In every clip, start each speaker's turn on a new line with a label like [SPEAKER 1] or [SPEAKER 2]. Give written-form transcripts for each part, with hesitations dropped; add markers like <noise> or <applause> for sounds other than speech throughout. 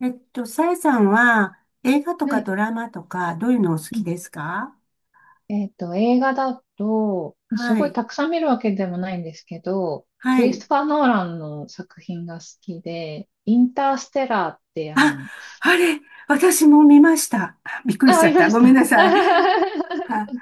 [SPEAKER 1] さえさんは映画と
[SPEAKER 2] は
[SPEAKER 1] か
[SPEAKER 2] い。
[SPEAKER 1] ドラマとかどういうのお好
[SPEAKER 2] う
[SPEAKER 1] き
[SPEAKER 2] ん。
[SPEAKER 1] ですか？
[SPEAKER 2] 映画だと、す
[SPEAKER 1] は
[SPEAKER 2] ごい
[SPEAKER 1] い。
[SPEAKER 2] たくさん見るわけでもないんですけど、
[SPEAKER 1] は
[SPEAKER 2] クリ
[SPEAKER 1] い。
[SPEAKER 2] ストファー・ノーランの作品が好きで、インターステラーって、
[SPEAKER 1] あ、あれ、私も見ました。<laughs> びっくりし
[SPEAKER 2] あ、
[SPEAKER 1] ち
[SPEAKER 2] あ
[SPEAKER 1] ゃっ
[SPEAKER 2] り
[SPEAKER 1] た。
[SPEAKER 2] まし
[SPEAKER 1] ごめん
[SPEAKER 2] た。
[SPEAKER 1] なさい。
[SPEAKER 2] <laughs>
[SPEAKER 1] は、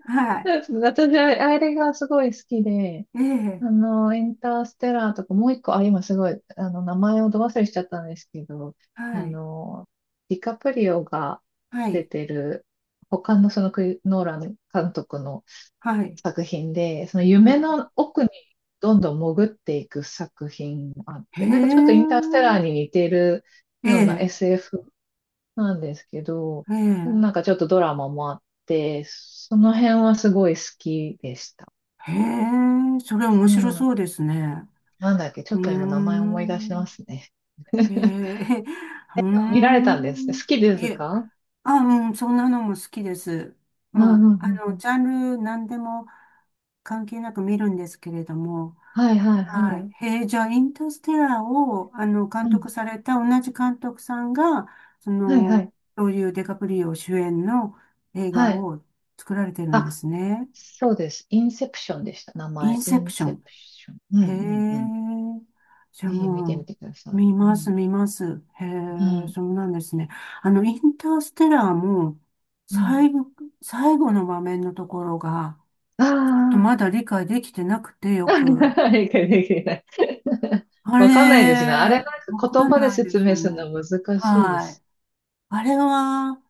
[SPEAKER 1] はい。
[SPEAKER 2] 私、あれがすごい好きで、
[SPEAKER 1] ええ、
[SPEAKER 2] インターステラーとか、もう一個、あ、今すごい、名前をど忘れしちゃったんですけど、
[SPEAKER 1] は
[SPEAKER 2] あ
[SPEAKER 1] い。
[SPEAKER 2] の、ディカプリオが
[SPEAKER 1] は
[SPEAKER 2] 出
[SPEAKER 1] い。
[SPEAKER 2] てる、他のそのノーラン監督の
[SPEAKER 1] はい。
[SPEAKER 2] 作品で、その
[SPEAKER 1] は
[SPEAKER 2] 夢
[SPEAKER 1] い。
[SPEAKER 2] の奥にどんどん潜っていく作品もあっ
[SPEAKER 1] へ
[SPEAKER 2] て、なんかちょっとイン
[SPEAKER 1] え、
[SPEAKER 2] ターステラーに似ている
[SPEAKER 1] え
[SPEAKER 2] ような
[SPEAKER 1] え、
[SPEAKER 2] SF なんですけど、
[SPEAKER 1] ええ、
[SPEAKER 2] なんかちょっとドラマもあって、その辺はすごい好きでした。
[SPEAKER 1] へえ、それ面
[SPEAKER 2] う
[SPEAKER 1] 白
[SPEAKER 2] ん。
[SPEAKER 1] そうですね。
[SPEAKER 2] なんだっけ、ちょ
[SPEAKER 1] う
[SPEAKER 2] っ
[SPEAKER 1] ー
[SPEAKER 2] と今名前思い出しま
[SPEAKER 1] ん。
[SPEAKER 2] すね。
[SPEAKER 1] へ
[SPEAKER 2] <laughs>
[SPEAKER 1] え、うー
[SPEAKER 2] 見られたんですね。
[SPEAKER 1] ん。
[SPEAKER 2] 好きで
[SPEAKER 1] い
[SPEAKER 2] す
[SPEAKER 1] え
[SPEAKER 2] か？
[SPEAKER 1] あ、うん、そんなのも好きです。
[SPEAKER 2] うんう
[SPEAKER 1] ま
[SPEAKER 2] ん
[SPEAKER 1] あ、
[SPEAKER 2] うんうん。
[SPEAKER 1] ジャンル何でも関係なく見るんですけれども、
[SPEAKER 2] はいはい
[SPEAKER 1] は
[SPEAKER 2] は
[SPEAKER 1] い。
[SPEAKER 2] い。
[SPEAKER 1] へえ、じゃあ、インターステラーを、
[SPEAKER 2] う
[SPEAKER 1] 監
[SPEAKER 2] ん。
[SPEAKER 1] 督された同じ監督さんが、そ
[SPEAKER 2] はいは
[SPEAKER 1] の、
[SPEAKER 2] い。
[SPEAKER 1] ロリオ・デカプリオ主演の映
[SPEAKER 2] は
[SPEAKER 1] 画
[SPEAKER 2] い。
[SPEAKER 1] を作られてるんで
[SPEAKER 2] あ、
[SPEAKER 1] すね。
[SPEAKER 2] そうです。インセプションでした。名
[SPEAKER 1] イ
[SPEAKER 2] 前。
[SPEAKER 1] ン
[SPEAKER 2] イ
[SPEAKER 1] セプ
[SPEAKER 2] ン
[SPEAKER 1] ショ
[SPEAKER 2] セ
[SPEAKER 1] ン。
[SPEAKER 2] プション。うん
[SPEAKER 1] へ
[SPEAKER 2] うんうん。
[SPEAKER 1] え。じゃあ
[SPEAKER 2] ぜひ見て
[SPEAKER 1] も
[SPEAKER 2] みてくだ
[SPEAKER 1] う、
[SPEAKER 2] さ
[SPEAKER 1] 見
[SPEAKER 2] い。う
[SPEAKER 1] ます、
[SPEAKER 2] ん。
[SPEAKER 1] 見ます。へ
[SPEAKER 2] う
[SPEAKER 1] え、
[SPEAKER 2] ん。
[SPEAKER 1] そうなんですね。インターステラーも、
[SPEAKER 2] うん。
[SPEAKER 1] 最後、最後の場面のところが、ちょっとま
[SPEAKER 2] あ
[SPEAKER 1] だ理解できてなくてよ
[SPEAKER 2] あ。
[SPEAKER 1] く。
[SPEAKER 2] <laughs> 理解できない。<laughs>
[SPEAKER 1] あ
[SPEAKER 2] わかんないですね。あれ、
[SPEAKER 1] れ、
[SPEAKER 2] なん
[SPEAKER 1] わ
[SPEAKER 2] か
[SPEAKER 1] か
[SPEAKER 2] 言
[SPEAKER 1] ん
[SPEAKER 2] 葉で
[SPEAKER 1] ないで
[SPEAKER 2] 説
[SPEAKER 1] すよ
[SPEAKER 2] 明する
[SPEAKER 1] ね。
[SPEAKER 2] のは難しいで
[SPEAKER 1] はい。
[SPEAKER 2] す。
[SPEAKER 1] あれは、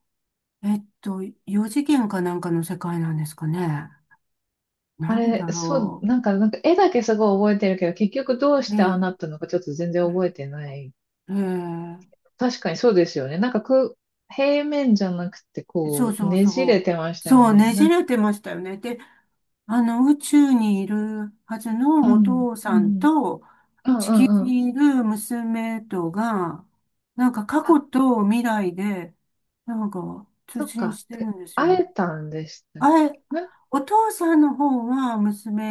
[SPEAKER 1] 四次元かなんかの世界なんですかね。
[SPEAKER 2] あ
[SPEAKER 1] なんだ
[SPEAKER 2] れ、そう、
[SPEAKER 1] ろ
[SPEAKER 2] なんか絵だけすごい覚えてるけど、結局どう
[SPEAKER 1] う。
[SPEAKER 2] し
[SPEAKER 1] え
[SPEAKER 2] てああ
[SPEAKER 1] え、
[SPEAKER 2] なったのかちょっと全然覚えてない。
[SPEAKER 1] ええ、
[SPEAKER 2] 確かにそうですよね。なんかく、平面じゃなくて、
[SPEAKER 1] そう
[SPEAKER 2] こう、
[SPEAKER 1] そう
[SPEAKER 2] ねじ
[SPEAKER 1] そ
[SPEAKER 2] れ
[SPEAKER 1] う。
[SPEAKER 2] てましたよ
[SPEAKER 1] そう、
[SPEAKER 2] ね。
[SPEAKER 1] ね
[SPEAKER 2] な
[SPEAKER 1] じ
[SPEAKER 2] んか、
[SPEAKER 1] れてましたよね。で、宇宙にいるはず
[SPEAKER 2] う
[SPEAKER 1] のお
[SPEAKER 2] ん、
[SPEAKER 1] 父
[SPEAKER 2] う
[SPEAKER 1] さん
[SPEAKER 2] ん、
[SPEAKER 1] と
[SPEAKER 2] うん、
[SPEAKER 1] 地
[SPEAKER 2] う
[SPEAKER 1] 球
[SPEAKER 2] ん、うん。
[SPEAKER 1] にいる娘とが、なんか過
[SPEAKER 2] あ、
[SPEAKER 1] 去と未来で、なんか通
[SPEAKER 2] そっ
[SPEAKER 1] 信
[SPEAKER 2] か。
[SPEAKER 1] してる
[SPEAKER 2] で、
[SPEAKER 1] んですよね。
[SPEAKER 2] 会えたんでしたっ
[SPEAKER 1] あれ、
[SPEAKER 2] けね。
[SPEAKER 1] お父さんの方は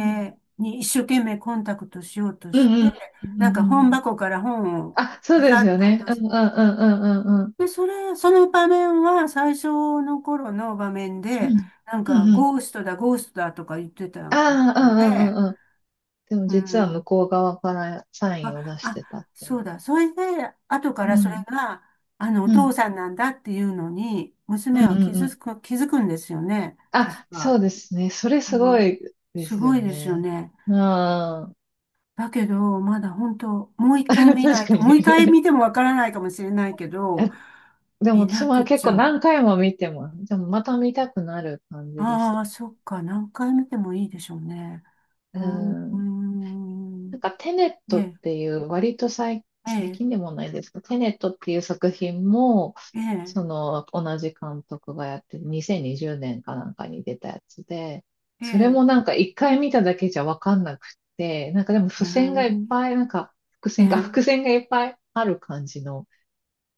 [SPEAKER 2] うん。
[SPEAKER 1] に一生懸命コンタクトしようと
[SPEAKER 2] う
[SPEAKER 1] し
[SPEAKER 2] んう
[SPEAKER 1] て、
[SPEAKER 2] んうんう
[SPEAKER 1] なん
[SPEAKER 2] ん
[SPEAKER 1] か
[SPEAKER 2] う
[SPEAKER 1] 本
[SPEAKER 2] んうん。
[SPEAKER 1] 箱から本を
[SPEAKER 2] あ、そう
[SPEAKER 1] わ
[SPEAKER 2] で
[SPEAKER 1] ざ
[SPEAKER 2] す
[SPEAKER 1] っ
[SPEAKER 2] よ
[SPEAKER 1] と落
[SPEAKER 2] ね。うん
[SPEAKER 1] と
[SPEAKER 2] うんうんうんうんうん。
[SPEAKER 1] で、その場面は最初の頃の場面
[SPEAKER 2] う
[SPEAKER 1] で、
[SPEAKER 2] ん
[SPEAKER 1] なん
[SPEAKER 2] う
[SPEAKER 1] か、
[SPEAKER 2] んうん。
[SPEAKER 1] ゴーストだ、ゴーストだとか言ってたん
[SPEAKER 2] ああ、うん
[SPEAKER 1] で、
[SPEAKER 2] うんうんうん。でも
[SPEAKER 1] う
[SPEAKER 2] 実は
[SPEAKER 1] ん。
[SPEAKER 2] 向こう側からサイ
[SPEAKER 1] あ、
[SPEAKER 2] ンを出してたっ
[SPEAKER 1] あ、
[SPEAKER 2] てい
[SPEAKER 1] そう
[SPEAKER 2] う。
[SPEAKER 1] だ。それで、後か
[SPEAKER 2] う
[SPEAKER 1] らそれ
[SPEAKER 2] ん。
[SPEAKER 1] が、お
[SPEAKER 2] う
[SPEAKER 1] 父
[SPEAKER 2] ん。
[SPEAKER 1] さんなんだっていうのに、
[SPEAKER 2] うん
[SPEAKER 1] 娘
[SPEAKER 2] う
[SPEAKER 1] は
[SPEAKER 2] んうん。
[SPEAKER 1] 気づくんですよね。確
[SPEAKER 2] あ、そ
[SPEAKER 1] か。
[SPEAKER 2] うですね。それす
[SPEAKER 1] う
[SPEAKER 2] ご
[SPEAKER 1] ん。
[SPEAKER 2] いで
[SPEAKER 1] す
[SPEAKER 2] す
[SPEAKER 1] ご
[SPEAKER 2] よ
[SPEAKER 1] いですよ
[SPEAKER 2] ね。
[SPEAKER 1] ね。
[SPEAKER 2] うん。
[SPEAKER 1] だけど、まだ本当、もう一回
[SPEAKER 2] <laughs>
[SPEAKER 1] 見な
[SPEAKER 2] 確
[SPEAKER 1] い
[SPEAKER 2] か
[SPEAKER 1] と、もう
[SPEAKER 2] に
[SPEAKER 1] 一回見
[SPEAKER 2] <laughs>
[SPEAKER 1] てもわからないかもしれないけど、
[SPEAKER 2] えでも
[SPEAKER 1] 見
[SPEAKER 2] 私
[SPEAKER 1] な
[SPEAKER 2] も
[SPEAKER 1] く
[SPEAKER 2] 結
[SPEAKER 1] ち
[SPEAKER 2] 構
[SPEAKER 1] ゃ。
[SPEAKER 2] 何回も見ても、でもまた見たくなる感じです。
[SPEAKER 1] ああ、そっか。何回見てもいいでしょうね。うー
[SPEAKER 2] う
[SPEAKER 1] ん、うー
[SPEAKER 2] ん。
[SPEAKER 1] ん、
[SPEAKER 2] なんかテネッ
[SPEAKER 1] え
[SPEAKER 2] トっ
[SPEAKER 1] え、
[SPEAKER 2] ていう割と最、
[SPEAKER 1] え
[SPEAKER 2] 最
[SPEAKER 1] え、
[SPEAKER 2] 近でもないですけど、テネットっていう作品も、
[SPEAKER 1] え
[SPEAKER 2] その同じ監督がやってる2020年かなんかに出たやつで、
[SPEAKER 1] え、え
[SPEAKER 2] それ
[SPEAKER 1] え、
[SPEAKER 2] もなんか一回見ただけじゃわかんなくて、なんかでも
[SPEAKER 1] うー
[SPEAKER 2] 付箋がいっ
[SPEAKER 1] ん、
[SPEAKER 2] ぱい、なんか伏
[SPEAKER 1] え
[SPEAKER 2] 線か
[SPEAKER 1] え、
[SPEAKER 2] 伏線がいっぱいある感じの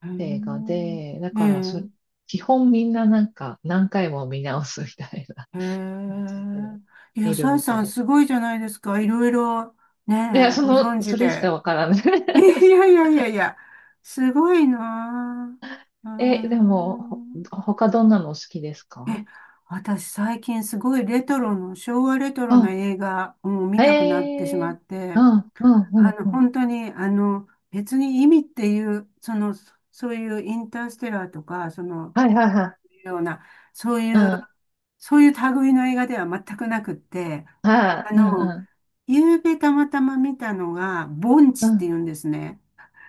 [SPEAKER 1] うー
[SPEAKER 2] 映画
[SPEAKER 1] ん、
[SPEAKER 2] で、だから
[SPEAKER 1] え
[SPEAKER 2] 基本みんななんか何回も見直すみたいな
[SPEAKER 1] え、
[SPEAKER 2] 感
[SPEAKER 1] え
[SPEAKER 2] じで
[SPEAKER 1] え。いや、
[SPEAKER 2] 見る
[SPEAKER 1] さえ
[SPEAKER 2] みた
[SPEAKER 1] さん
[SPEAKER 2] い。
[SPEAKER 1] すごいじゃないですか。いろいろ、
[SPEAKER 2] いや、
[SPEAKER 1] ねえ、ご存知
[SPEAKER 2] それしか
[SPEAKER 1] で。
[SPEAKER 2] わからない。
[SPEAKER 1] <laughs> い
[SPEAKER 2] <laughs>
[SPEAKER 1] やいやいやいや、すごいなあ。うー
[SPEAKER 2] でも、
[SPEAKER 1] ん。
[SPEAKER 2] 他どんなのお好きですか？
[SPEAKER 1] え、私最近すごいレトロの、昭和レトロな
[SPEAKER 2] あ、
[SPEAKER 1] 映画を見
[SPEAKER 2] へ
[SPEAKER 1] たくなってしま
[SPEAKER 2] え、
[SPEAKER 1] っ
[SPEAKER 2] う
[SPEAKER 1] て、
[SPEAKER 2] ん、うん、うん、うん。
[SPEAKER 1] 本当に、別に意味っていう、そういうインターステラーとか、その、
[SPEAKER 2] はいはいはい。
[SPEAKER 1] ような、そう
[SPEAKER 2] う
[SPEAKER 1] いう、
[SPEAKER 2] ん、
[SPEAKER 1] そういう類の映画では全くなくって、
[SPEAKER 2] はい、
[SPEAKER 1] あ
[SPEAKER 2] うん、
[SPEAKER 1] の、
[SPEAKER 2] う
[SPEAKER 1] 夕べたまたま見たのが、盆
[SPEAKER 2] ん、う
[SPEAKER 1] 地ってい
[SPEAKER 2] ん。
[SPEAKER 1] うんですね。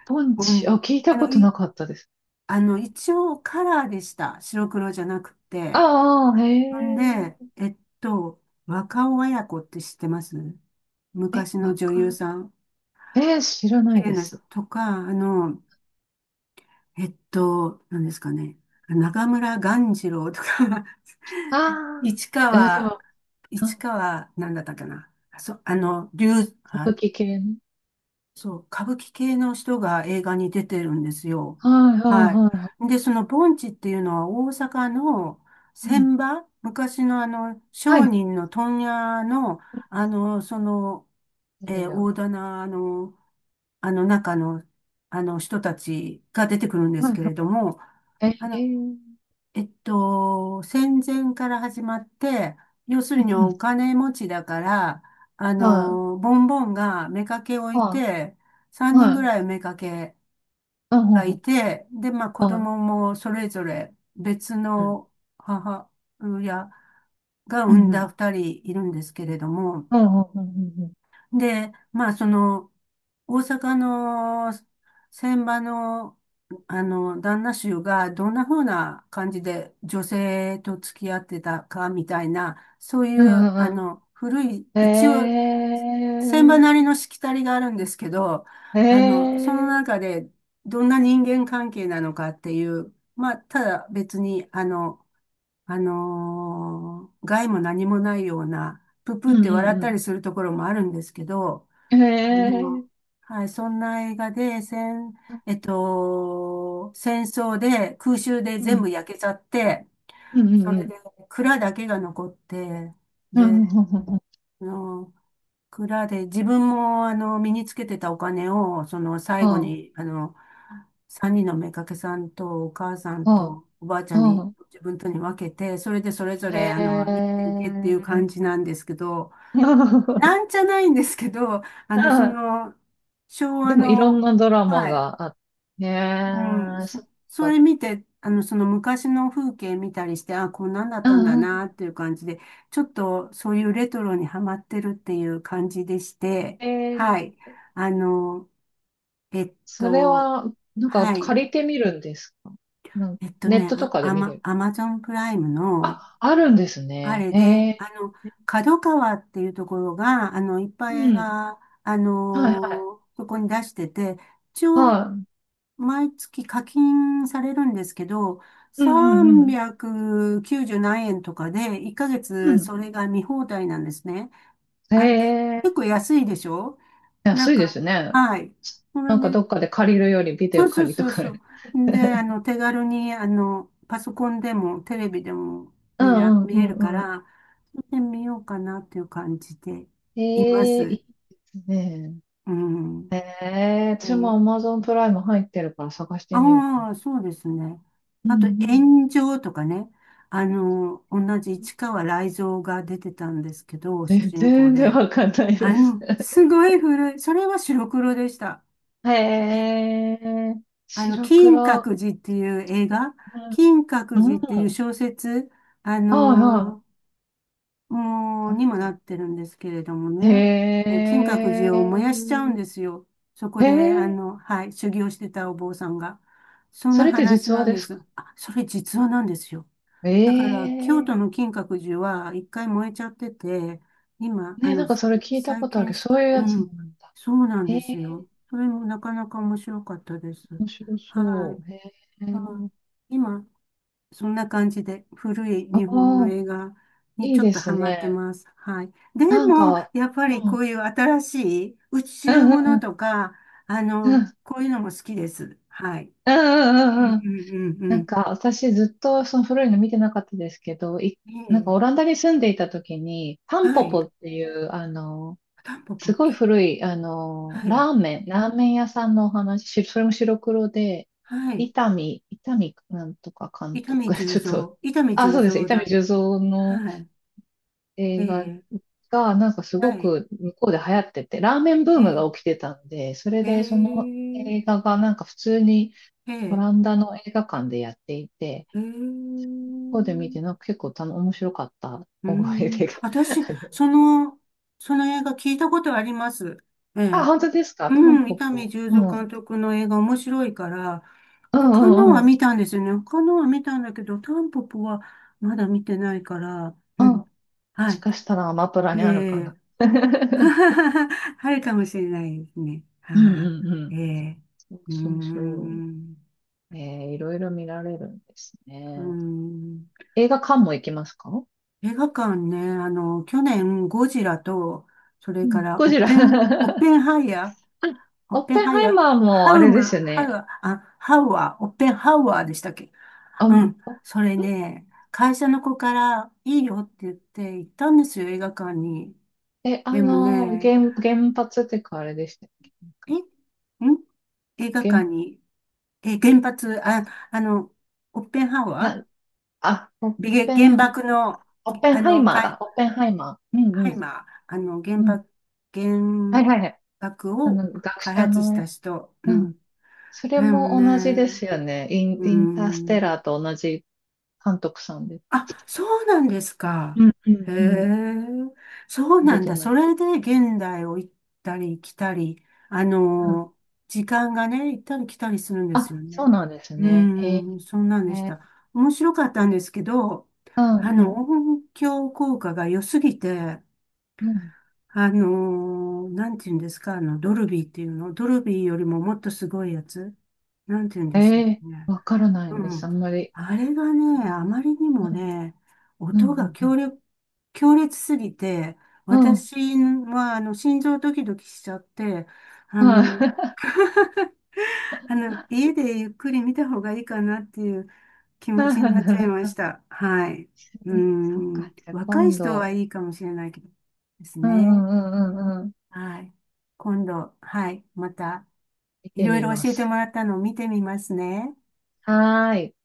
[SPEAKER 2] ポンチ、
[SPEAKER 1] 盆、
[SPEAKER 2] あ、聞いた
[SPEAKER 1] あ
[SPEAKER 2] こ
[SPEAKER 1] の、
[SPEAKER 2] と
[SPEAKER 1] い、
[SPEAKER 2] なかったです。
[SPEAKER 1] あの、一応カラーでした。白黒じゃなくて。
[SPEAKER 2] ああ、へ
[SPEAKER 1] ほん
[SPEAKER 2] え、
[SPEAKER 1] で、若尾文子って知ってます？
[SPEAKER 2] え、
[SPEAKER 1] 昔の
[SPEAKER 2] わ
[SPEAKER 1] 女
[SPEAKER 2] か、
[SPEAKER 1] 優さん。
[SPEAKER 2] 知ら
[SPEAKER 1] 綺
[SPEAKER 2] ない
[SPEAKER 1] 麗
[SPEAKER 2] で
[SPEAKER 1] な人
[SPEAKER 2] す。
[SPEAKER 1] とか、何ですかね。中村鴈治郎とか
[SPEAKER 2] あ
[SPEAKER 1] <laughs>
[SPEAKER 2] あ、
[SPEAKER 1] 市
[SPEAKER 2] で
[SPEAKER 1] 川、
[SPEAKER 2] も、う
[SPEAKER 1] 市
[SPEAKER 2] ん、
[SPEAKER 1] 川、なんだったかな。そ、あの、竜、
[SPEAKER 2] 歌舞
[SPEAKER 1] あ、
[SPEAKER 2] 伎系ね。
[SPEAKER 1] そう、歌舞伎系の人が映画に出てるんですよ。
[SPEAKER 2] はいはい
[SPEAKER 1] はい。
[SPEAKER 2] はいは
[SPEAKER 1] で、その盆地っていうのは大阪の
[SPEAKER 2] い。うん、
[SPEAKER 1] 船場、昔のあの
[SPEAKER 2] は
[SPEAKER 1] 商
[SPEAKER 2] い、
[SPEAKER 1] 人の問屋の、あの、その、
[SPEAKER 2] いるよ。
[SPEAKER 1] 大棚の、あの中の、あの人たちが出てくるんで
[SPEAKER 2] は
[SPEAKER 1] す
[SPEAKER 2] い
[SPEAKER 1] けれども、
[SPEAKER 2] はい。
[SPEAKER 1] あ
[SPEAKER 2] え
[SPEAKER 1] の、
[SPEAKER 2] ー、
[SPEAKER 1] 戦前から始まって、要す
[SPEAKER 2] う
[SPEAKER 1] るに
[SPEAKER 2] ん、う
[SPEAKER 1] お
[SPEAKER 2] ん、
[SPEAKER 1] 金持ちだから、
[SPEAKER 2] はい、
[SPEAKER 1] ボンボンが妾をい
[SPEAKER 2] は
[SPEAKER 1] て、
[SPEAKER 2] い、
[SPEAKER 1] 3人
[SPEAKER 2] は
[SPEAKER 1] ぐ
[SPEAKER 2] い、
[SPEAKER 1] らい妾
[SPEAKER 2] うん、う
[SPEAKER 1] が
[SPEAKER 2] ん、う
[SPEAKER 1] い
[SPEAKER 2] ん、
[SPEAKER 1] て、で、まあ子
[SPEAKER 2] は
[SPEAKER 1] 供もそれぞれ別
[SPEAKER 2] い、うん、
[SPEAKER 1] の母親が
[SPEAKER 2] う
[SPEAKER 1] 産ん
[SPEAKER 2] ん、う
[SPEAKER 1] だ
[SPEAKER 2] ん。
[SPEAKER 1] 2人いるんですけれども、
[SPEAKER 2] うんうんうんうんうん。
[SPEAKER 1] で、まあ、大阪の船場の、旦那衆がどんな風な感じで女性と付き合ってたかみたいな、そうい
[SPEAKER 2] うんう
[SPEAKER 1] う、
[SPEAKER 2] んう
[SPEAKER 1] 古い、
[SPEAKER 2] ん。
[SPEAKER 1] 一応、
[SPEAKER 2] え
[SPEAKER 1] 船場なりのしきたりがあるんですけど、
[SPEAKER 2] ー、え
[SPEAKER 1] その中
[SPEAKER 2] ー、
[SPEAKER 1] でどんな人間関係なのかっていう、まあ、ただ別に、害も何もないような、プ
[SPEAKER 2] う
[SPEAKER 1] プっ
[SPEAKER 2] ん
[SPEAKER 1] て笑っ
[SPEAKER 2] う
[SPEAKER 1] た
[SPEAKER 2] ん
[SPEAKER 1] りするところもあるんですけど、
[SPEAKER 2] うん。
[SPEAKER 1] あ
[SPEAKER 2] え
[SPEAKER 1] の、
[SPEAKER 2] ー、
[SPEAKER 1] はい、そんな映画で、戦、えっと、戦争で空襲で
[SPEAKER 2] う
[SPEAKER 1] 全
[SPEAKER 2] ん
[SPEAKER 1] 部焼けちゃって、
[SPEAKER 2] うんう
[SPEAKER 1] そ
[SPEAKER 2] んう
[SPEAKER 1] れ
[SPEAKER 2] ん。
[SPEAKER 1] で蔵だけが残って、
[SPEAKER 2] うん
[SPEAKER 1] で、
[SPEAKER 2] うんうんうんうん。
[SPEAKER 1] あの蔵で自分も身につけてたお金をその最後
[SPEAKER 2] あ
[SPEAKER 1] に3人の妾さんとお母さん
[SPEAKER 2] あ、
[SPEAKER 1] とおばあちゃんに
[SPEAKER 2] あ
[SPEAKER 1] 自分とに分けて、それでそれぞ
[SPEAKER 2] あ、
[SPEAKER 1] れ
[SPEAKER 2] へ
[SPEAKER 1] 生きていけっていう感
[SPEAKER 2] え。
[SPEAKER 1] じなんですけど、な
[SPEAKER 2] <laughs>
[SPEAKER 1] んじゃないんですけど、あのそ
[SPEAKER 2] あ、
[SPEAKER 1] の昭和
[SPEAKER 2] でもいろん
[SPEAKER 1] の、
[SPEAKER 2] なドラマ
[SPEAKER 1] はい。
[SPEAKER 2] があって。へ
[SPEAKER 1] うん、
[SPEAKER 2] え、そっ
[SPEAKER 1] そ
[SPEAKER 2] か。
[SPEAKER 1] れ見て、その昔の風景見たりして、あ、こんなんだっ
[SPEAKER 2] う
[SPEAKER 1] たんだ
[SPEAKER 2] んう
[SPEAKER 1] な
[SPEAKER 2] ん。
[SPEAKER 1] っていう感じで、ちょっとそういうレトロにハマってるっていう感じでして、
[SPEAKER 2] え
[SPEAKER 1] は
[SPEAKER 2] ー、
[SPEAKER 1] い。あの、えっ
[SPEAKER 2] それ
[SPEAKER 1] と、
[SPEAKER 2] は、なんか
[SPEAKER 1] は
[SPEAKER 2] 借
[SPEAKER 1] い。
[SPEAKER 2] りてみるんですか？ネットとかで見れる。
[SPEAKER 1] アマゾンプライムの、
[SPEAKER 2] あ、あるんです
[SPEAKER 1] あ
[SPEAKER 2] ね。
[SPEAKER 1] れ
[SPEAKER 2] へ
[SPEAKER 1] で、
[SPEAKER 2] え。
[SPEAKER 1] あの、角川っていうところが、いっぱい
[SPEAKER 2] う
[SPEAKER 1] 映
[SPEAKER 2] ん。
[SPEAKER 1] 画、
[SPEAKER 2] はいはい。
[SPEAKER 1] そこに出してて、一応、
[SPEAKER 2] は
[SPEAKER 1] 毎月課金されるんですけど、
[SPEAKER 2] い。うんうんうん。
[SPEAKER 1] 390何円とかで、1ヶ
[SPEAKER 2] う
[SPEAKER 1] 月
[SPEAKER 2] ん。
[SPEAKER 1] それが見放題なんですね。
[SPEAKER 2] へ
[SPEAKER 1] あの、け
[SPEAKER 2] え、
[SPEAKER 1] 結構安いでしょ？な
[SPEAKER 2] 安
[SPEAKER 1] ん
[SPEAKER 2] いで
[SPEAKER 1] か、
[SPEAKER 2] すね。
[SPEAKER 1] はい。そ
[SPEAKER 2] な
[SPEAKER 1] れ
[SPEAKER 2] んか
[SPEAKER 1] で、
[SPEAKER 2] どっかで借りるよりビデ
[SPEAKER 1] そ
[SPEAKER 2] オ
[SPEAKER 1] うそう
[SPEAKER 2] 借りと
[SPEAKER 1] そう
[SPEAKER 2] か。
[SPEAKER 1] そう。で、手軽に、パソコンでもテレビでも
[SPEAKER 2] うんうん
[SPEAKER 1] 見れる
[SPEAKER 2] う
[SPEAKER 1] か
[SPEAKER 2] んう
[SPEAKER 1] ら、見てみようかなっていう感じで
[SPEAKER 2] ん。
[SPEAKER 1] いま
[SPEAKER 2] へえ、いい
[SPEAKER 1] す。
[SPEAKER 2] ですね。
[SPEAKER 1] うん。
[SPEAKER 2] ええ、
[SPEAKER 1] え
[SPEAKER 2] 私も
[SPEAKER 1] ー
[SPEAKER 2] Amazon プライム入ってるから探してみようかな。
[SPEAKER 1] ああ、そうですね。
[SPEAKER 2] うんう
[SPEAKER 1] あと、
[SPEAKER 2] ん。
[SPEAKER 1] 炎上とかね。同じ市川雷蔵が出てたんですけど、主人公
[SPEAKER 2] 全然
[SPEAKER 1] で。
[SPEAKER 2] わかんないです。<laughs>
[SPEAKER 1] すごい古い。それは白黒でした。
[SPEAKER 2] へ
[SPEAKER 1] ね。
[SPEAKER 2] え、白
[SPEAKER 1] 金
[SPEAKER 2] 黒。
[SPEAKER 1] 閣寺っていう映画、
[SPEAKER 2] うん。
[SPEAKER 1] 金閣寺ってい
[SPEAKER 2] う
[SPEAKER 1] う
[SPEAKER 2] ん。
[SPEAKER 1] 小説、あ
[SPEAKER 2] はいはい。
[SPEAKER 1] のもう、
[SPEAKER 2] あり
[SPEAKER 1] に
[SPEAKER 2] が
[SPEAKER 1] も
[SPEAKER 2] と
[SPEAKER 1] な
[SPEAKER 2] う。
[SPEAKER 1] ってるんですけれども
[SPEAKER 2] へ
[SPEAKER 1] ね、金閣寺を燃やしちゃうん
[SPEAKER 2] え。
[SPEAKER 1] ですよ。そこ
[SPEAKER 2] へ
[SPEAKER 1] で、
[SPEAKER 2] え。
[SPEAKER 1] はい、修行してたお坊さんが。そん
[SPEAKER 2] そ
[SPEAKER 1] な
[SPEAKER 2] れって
[SPEAKER 1] 話
[SPEAKER 2] 実話
[SPEAKER 1] なん
[SPEAKER 2] で
[SPEAKER 1] で
[SPEAKER 2] す
[SPEAKER 1] す。
[SPEAKER 2] か？
[SPEAKER 1] あ、それ実話なんですよ。だか
[SPEAKER 2] え
[SPEAKER 1] ら、京
[SPEAKER 2] え
[SPEAKER 1] 都の金閣寺は一回燃えちゃってて、今、
[SPEAKER 2] ー。ね、なんかそれ聞いた
[SPEAKER 1] 再
[SPEAKER 2] ことある。
[SPEAKER 1] 建し
[SPEAKER 2] そ
[SPEAKER 1] た。
[SPEAKER 2] ういうや
[SPEAKER 1] う
[SPEAKER 2] つ
[SPEAKER 1] ん、
[SPEAKER 2] なんだ。
[SPEAKER 1] そうなん
[SPEAKER 2] え
[SPEAKER 1] で
[SPEAKER 2] え
[SPEAKER 1] す
[SPEAKER 2] ー、
[SPEAKER 1] よ。それもなかなか面白かったです。
[SPEAKER 2] 面白
[SPEAKER 1] は
[SPEAKER 2] そ
[SPEAKER 1] い。
[SPEAKER 2] う。ええ
[SPEAKER 1] あ、
[SPEAKER 2] ー。
[SPEAKER 1] 今、そんな感じで古い
[SPEAKER 2] あ
[SPEAKER 1] 日本の
[SPEAKER 2] あ、
[SPEAKER 1] 映画に
[SPEAKER 2] い
[SPEAKER 1] ち
[SPEAKER 2] い
[SPEAKER 1] ょっ
[SPEAKER 2] で
[SPEAKER 1] とハ
[SPEAKER 2] す
[SPEAKER 1] マって
[SPEAKER 2] ね。
[SPEAKER 1] ます。はい。で
[SPEAKER 2] なん
[SPEAKER 1] も、
[SPEAKER 2] か、
[SPEAKER 1] やっぱ
[SPEAKER 2] う
[SPEAKER 1] りこ
[SPEAKER 2] ん、
[SPEAKER 1] ういう新しい宇
[SPEAKER 2] うん、
[SPEAKER 1] 宙
[SPEAKER 2] うん、
[SPEAKER 1] も
[SPEAKER 2] う
[SPEAKER 1] の
[SPEAKER 2] ん、
[SPEAKER 1] とか、
[SPEAKER 2] うん、
[SPEAKER 1] こういうのも好きです。はい。
[SPEAKER 2] う
[SPEAKER 1] うん
[SPEAKER 2] ん、うん。
[SPEAKER 1] うんうんう
[SPEAKER 2] なん
[SPEAKER 1] ん。
[SPEAKER 2] か私ずっとその古いの見てなかったですけど、
[SPEAKER 1] え
[SPEAKER 2] なんかオ
[SPEAKER 1] え。
[SPEAKER 2] ランダに住んでいた時に、タン
[SPEAKER 1] は
[SPEAKER 2] ポ
[SPEAKER 1] い。
[SPEAKER 2] ポっていう、
[SPEAKER 1] タンポ
[SPEAKER 2] す
[SPEAKER 1] ポ
[SPEAKER 2] ご
[SPEAKER 1] キ。
[SPEAKER 2] い古い、
[SPEAKER 1] は
[SPEAKER 2] ラ
[SPEAKER 1] い。
[SPEAKER 2] ーメン、ラーメン屋さんのお話、それも白黒で、
[SPEAKER 1] はい。
[SPEAKER 2] 伊丹なんとか監
[SPEAKER 1] 伊丹
[SPEAKER 2] 督、<laughs>
[SPEAKER 1] 十
[SPEAKER 2] ちょっ
[SPEAKER 1] 三。
[SPEAKER 2] と、
[SPEAKER 1] 伊丹
[SPEAKER 2] あ、
[SPEAKER 1] 十
[SPEAKER 2] そうです、伊
[SPEAKER 1] 三
[SPEAKER 2] 丹
[SPEAKER 1] だ。
[SPEAKER 2] 十三の
[SPEAKER 1] はい。え
[SPEAKER 2] 映画
[SPEAKER 1] え。
[SPEAKER 2] が、なんかす
[SPEAKER 1] は
[SPEAKER 2] ご
[SPEAKER 1] い。
[SPEAKER 2] く向こうで流行ってて、ラーメンブー
[SPEAKER 1] え
[SPEAKER 2] ムが
[SPEAKER 1] え。
[SPEAKER 2] 起きてたんで、それ
[SPEAKER 1] え
[SPEAKER 2] でその
[SPEAKER 1] え。
[SPEAKER 2] 映画がなんか普通に
[SPEAKER 1] え
[SPEAKER 2] オラ
[SPEAKER 1] え。
[SPEAKER 2] ンダの映画館でやっていて、
[SPEAKER 1] え
[SPEAKER 2] ここで見
[SPEAKER 1] え。
[SPEAKER 2] て、なんか結構面白かった
[SPEAKER 1] うー
[SPEAKER 2] 覚え
[SPEAKER 1] ん、
[SPEAKER 2] でが。
[SPEAKER 1] 私、
[SPEAKER 2] <laughs>
[SPEAKER 1] その、その映画聞いたことあります。え
[SPEAKER 2] あ、
[SPEAKER 1] え。
[SPEAKER 2] 本当ですか、タン
[SPEAKER 1] うん、伊
[SPEAKER 2] ポ
[SPEAKER 1] 丹
[SPEAKER 2] ポ。
[SPEAKER 1] 十
[SPEAKER 2] うん。
[SPEAKER 1] 三
[SPEAKER 2] うん
[SPEAKER 1] 監督の映画面白いから、
[SPEAKER 2] う
[SPEAKER 1] 他のは
[SPEAKER 2] んうん。
[SPEAKER 1] 見たんですよね。他のは見たんだけど、タンポポはまだ見てないから、
[SPEAKER 2] う
[SPEAKER 1] う
[SPEAKER 2] ん。も
[SPEAKER 1] ん。は
[SPEAKER 2] し
[SPEAKER 1] い。
[SPEAKER 2] かしたらアマプラ
[SPEAKER 1] え
[SPEAKER 2] にあるかな。
[SPEAKER 1] え。
[SPEAKER 2] <laughs>
[SPEAKER 1] <laughs> あるかもしれないですね。
[SPEAKER 2] うんう
[SPEAKER 1] は
[SPEAKER 2] んう
[SPEAKER 1] い。
[SPEAKER 2] ん。
[SPEAKER 1] ええ。
[SPEAKER 2] そう
[SPEAKER 1] うー
[SPEAKER 2] そうそ
[SPEAKER 1] ん。
[SPEAKER 2] う。ねえー、いろいろ見られるんです
[SPEAKER 1] うー
[SPEAKER 2] ね。
[SPEAKER 1] ん。
[SPEAKER 2] 映画館も行きますか？
[SPEAKER 1] 映画館ね、去年、ゴジラと、それ
[SPEAKER 2] う
[SPEAKER 1] か
[SPEAKER 2] ん。
[SPEAKER 1] ら、
[SPEAKER 2] ゴジラ <laughs>
[SPEAKER 1] オッペンハイヤー、オッ
[SPEAKER 2] オッ
[SPEAKER 1] ペン
[SPEAKER 2] ペン
[SPEAKER 1] ハイ
[SPEAKER 2] ハイ
[SPEAKER 1] ヤー、
[SPEAKER 2] マーも
[SPEAKER 1] ハ
[SPEAKER 2] あ
[SPEAKER 1] ウ
[SPEAKER 2] れで
[SPEAKER 1] ム、
[SPEAKER 2] すよ
[SPEAKER 1] ハウ、
[SPEAKER 2] ね。
[SPEAKER 1] あ、ハウアー、オッペンハウアーでしたっけ？
[SPEAKER 2] あ
[SPEAKER 1] う
[SPEAKER 2] ん、
[SPEAKER 1] ん。
[SPEAKER 2] あん
[SPEAKER 1] それね、会社の子からいいよって言って行ったんですよ、映画館に。
[SPEAKER 2] え、
[SPEAKER 1] でもね、
[SPEAKER 2] 原発っていうかあれでしたっけなん
[SPEAKER 1] え、
[SPEAKER 2] か、
[SPEAKER 1] ん映画館
[SPEAKER 2] 原、
[SPEAKER 1] に、え、原発、あ、あの、オッペンハウアー、
[SPEAKER 2] な、あ、オッペン、
[SPEAKER 1] 原爆の、
[SPEAKER 2] オッペン
[SPEAKER 1] あ
[SPEAKER 2] ハイ
[SPEAKER 1] の、
[SPEAKER 2] マ
[SPEAKER 1] か
[SPEAKER 2] ー
[SPEAKER 1] い、
[SPEAKER 2] だ。オッペンハイマー。うん
[SPEAKER 1] ハ
[SPEAKER 2] う
[SPEAKER 1] イ
[SPEAKER 2] ん。
[SPEAKER 1] マー、
[SPEAKER 2] うん。は
[SPEAKER 1] 原
[SPEAKER 2] いはいはい。
[SPEAKER 1] 爆を
[SPEAKER 2] 学
[SPEAKER 1] 開
[SPEAKER 2] 者
[SPEAKER 1] 発し
[SPEAKER 2] の、
[SPEAKER 1] た人。う
[SPEAKER 2] う
[SPEAKER 1] ん。
[SPEAKER 2] ん。それ
[SPEAKER 1] でも
[SPEAKER 2] も同じで
[SPEAKER 1] ね、
[SPEAKER 2] すよね。イン、
[SPEAKER 1] う
[SPEAKER 2] インターステ
[SPEAKER 1] ん。
[SPEAKER 2] ラーと同じ監督さんで。
[SPEAKER 1] あ、そうなんですか。
[SPEAKER 2] うん、う
[SPEAKER 1] へ
[SPEAKER 2] ん、うん。
[SPEAKER 1] え、そう
[SPEAKER 2] 見
[SPEAKER 1] な
[SPEAKER 2] れ
[SPEAKER 1] ん
[SPEAKER 2] て
[SPEAKER 1] だ。
[SPEAKER 2] な
[SPEAKER 1] そ
[SPEAKER 2] い。
[SPEAKER 1] れで現代を行ったり来たり、あ
[SPEAKER 2] うん。
[SPEAKER 1] の、時間がね、行ったり来たりするんです
[SPEAKER 2] あ、
[SPEAKER 1] よ
[SPEAKER 2] そ
[SPEAKER 1] ね。
[SPEAKER 2] うなんです
[SPEAKER 1] う
[SPEAKER 2] ね。へえ。
[SPEAKER 1] ーん、そうなんで
[SPEAKER 2] う
[SPEAKER 1] し
[SPEAKER 2] ん、
[SPEAKER 1] た。面白かったんですけど、
[SPEAKER 2] うん、
[SPEAKER 1] 音響効果が良すぎて、
[SPEAKER 2] うん。
[SPEAKER 1] なんて言うんですか、ドルビーっていうの、ドルビーよりももっとすごいやつ、なんて言うん
[SPEAKER 2] え
[SPEAKER 1] ですか
[SPEAKER 2] え、
[SPEAKER 1] ね。
[SPEAKER 2] わからない
[SPEAKER 1] う
[SPEAKER 2] んです。あ
[SPEAKER 1] ん。
[SPEAKER 2] んまり
[SPEAKER 1] あれが
[SPEAKER 2] 聞か
[SPEAKER 1] ね、
[SPEAKER 2] ない
[SPEAKER 1] あ
[SPEAKER 2] んで。
[SPEAKER 1] まりにも
[SPEAKER 2] うん、
[SPEAKER 1] ね、
[SPEAKER 2] う
[SPEAKER 1] 音が
[SPEAKER 2] ん、うん、
[SPEAKER 1] 強烈すぎて、
[SPEAKER 2] うん。うん。
[SPEAKER 1] 私は、心臓ドキドキしちゃって、あ
[SPEAKER 2] は
[SPEAKER 1] の、
[SPEAKER 2] い。
[SPEAKER 1] 家でゆっくり見た方がいいかなっていう気
[SPEAKER 2] <laughs>
[SPEAKER 1] 持
[SPEAKER 2] な
[SPEAKER 1] ちになっちゃい
[SPEAKER 2] る
[SPEAKER 1] ま
[SPEAKER 2] ほど。
[SPEAKER 1] した。はい。う
[SPEAKER 2] そそっか。
[SPEAKER 1] ん。
[SPEAKER 2] じゃあ
[SPEAKER 1] 若い
[SPEAKER 2] 今
[SPEAKER 1] 人は
[SPEAKER 2] 度。
[SPEAKER 1] いいかもしれないけどです
[SPEAKER 2] う
[SPEAKER 1] ね。
[SPEAKER 2] ん、うん、うん、うん。うん。
[SPEAKER 1] はい。今度、はい。また、
[SPEAKER 2] 見
[SPEAKER 1] い
[SPEAKER 2] て
[SPEAKER 1] ろい
[SPEAKER 2] み
[SPEAKER 1] ろ
[SPEAKER 2] ま
[SPEAKER 1] 教えて
[SPEAKER 2] す。
[SPEAKER 1] もらったのを見てみますね。
[SPEAKER 2] はーい。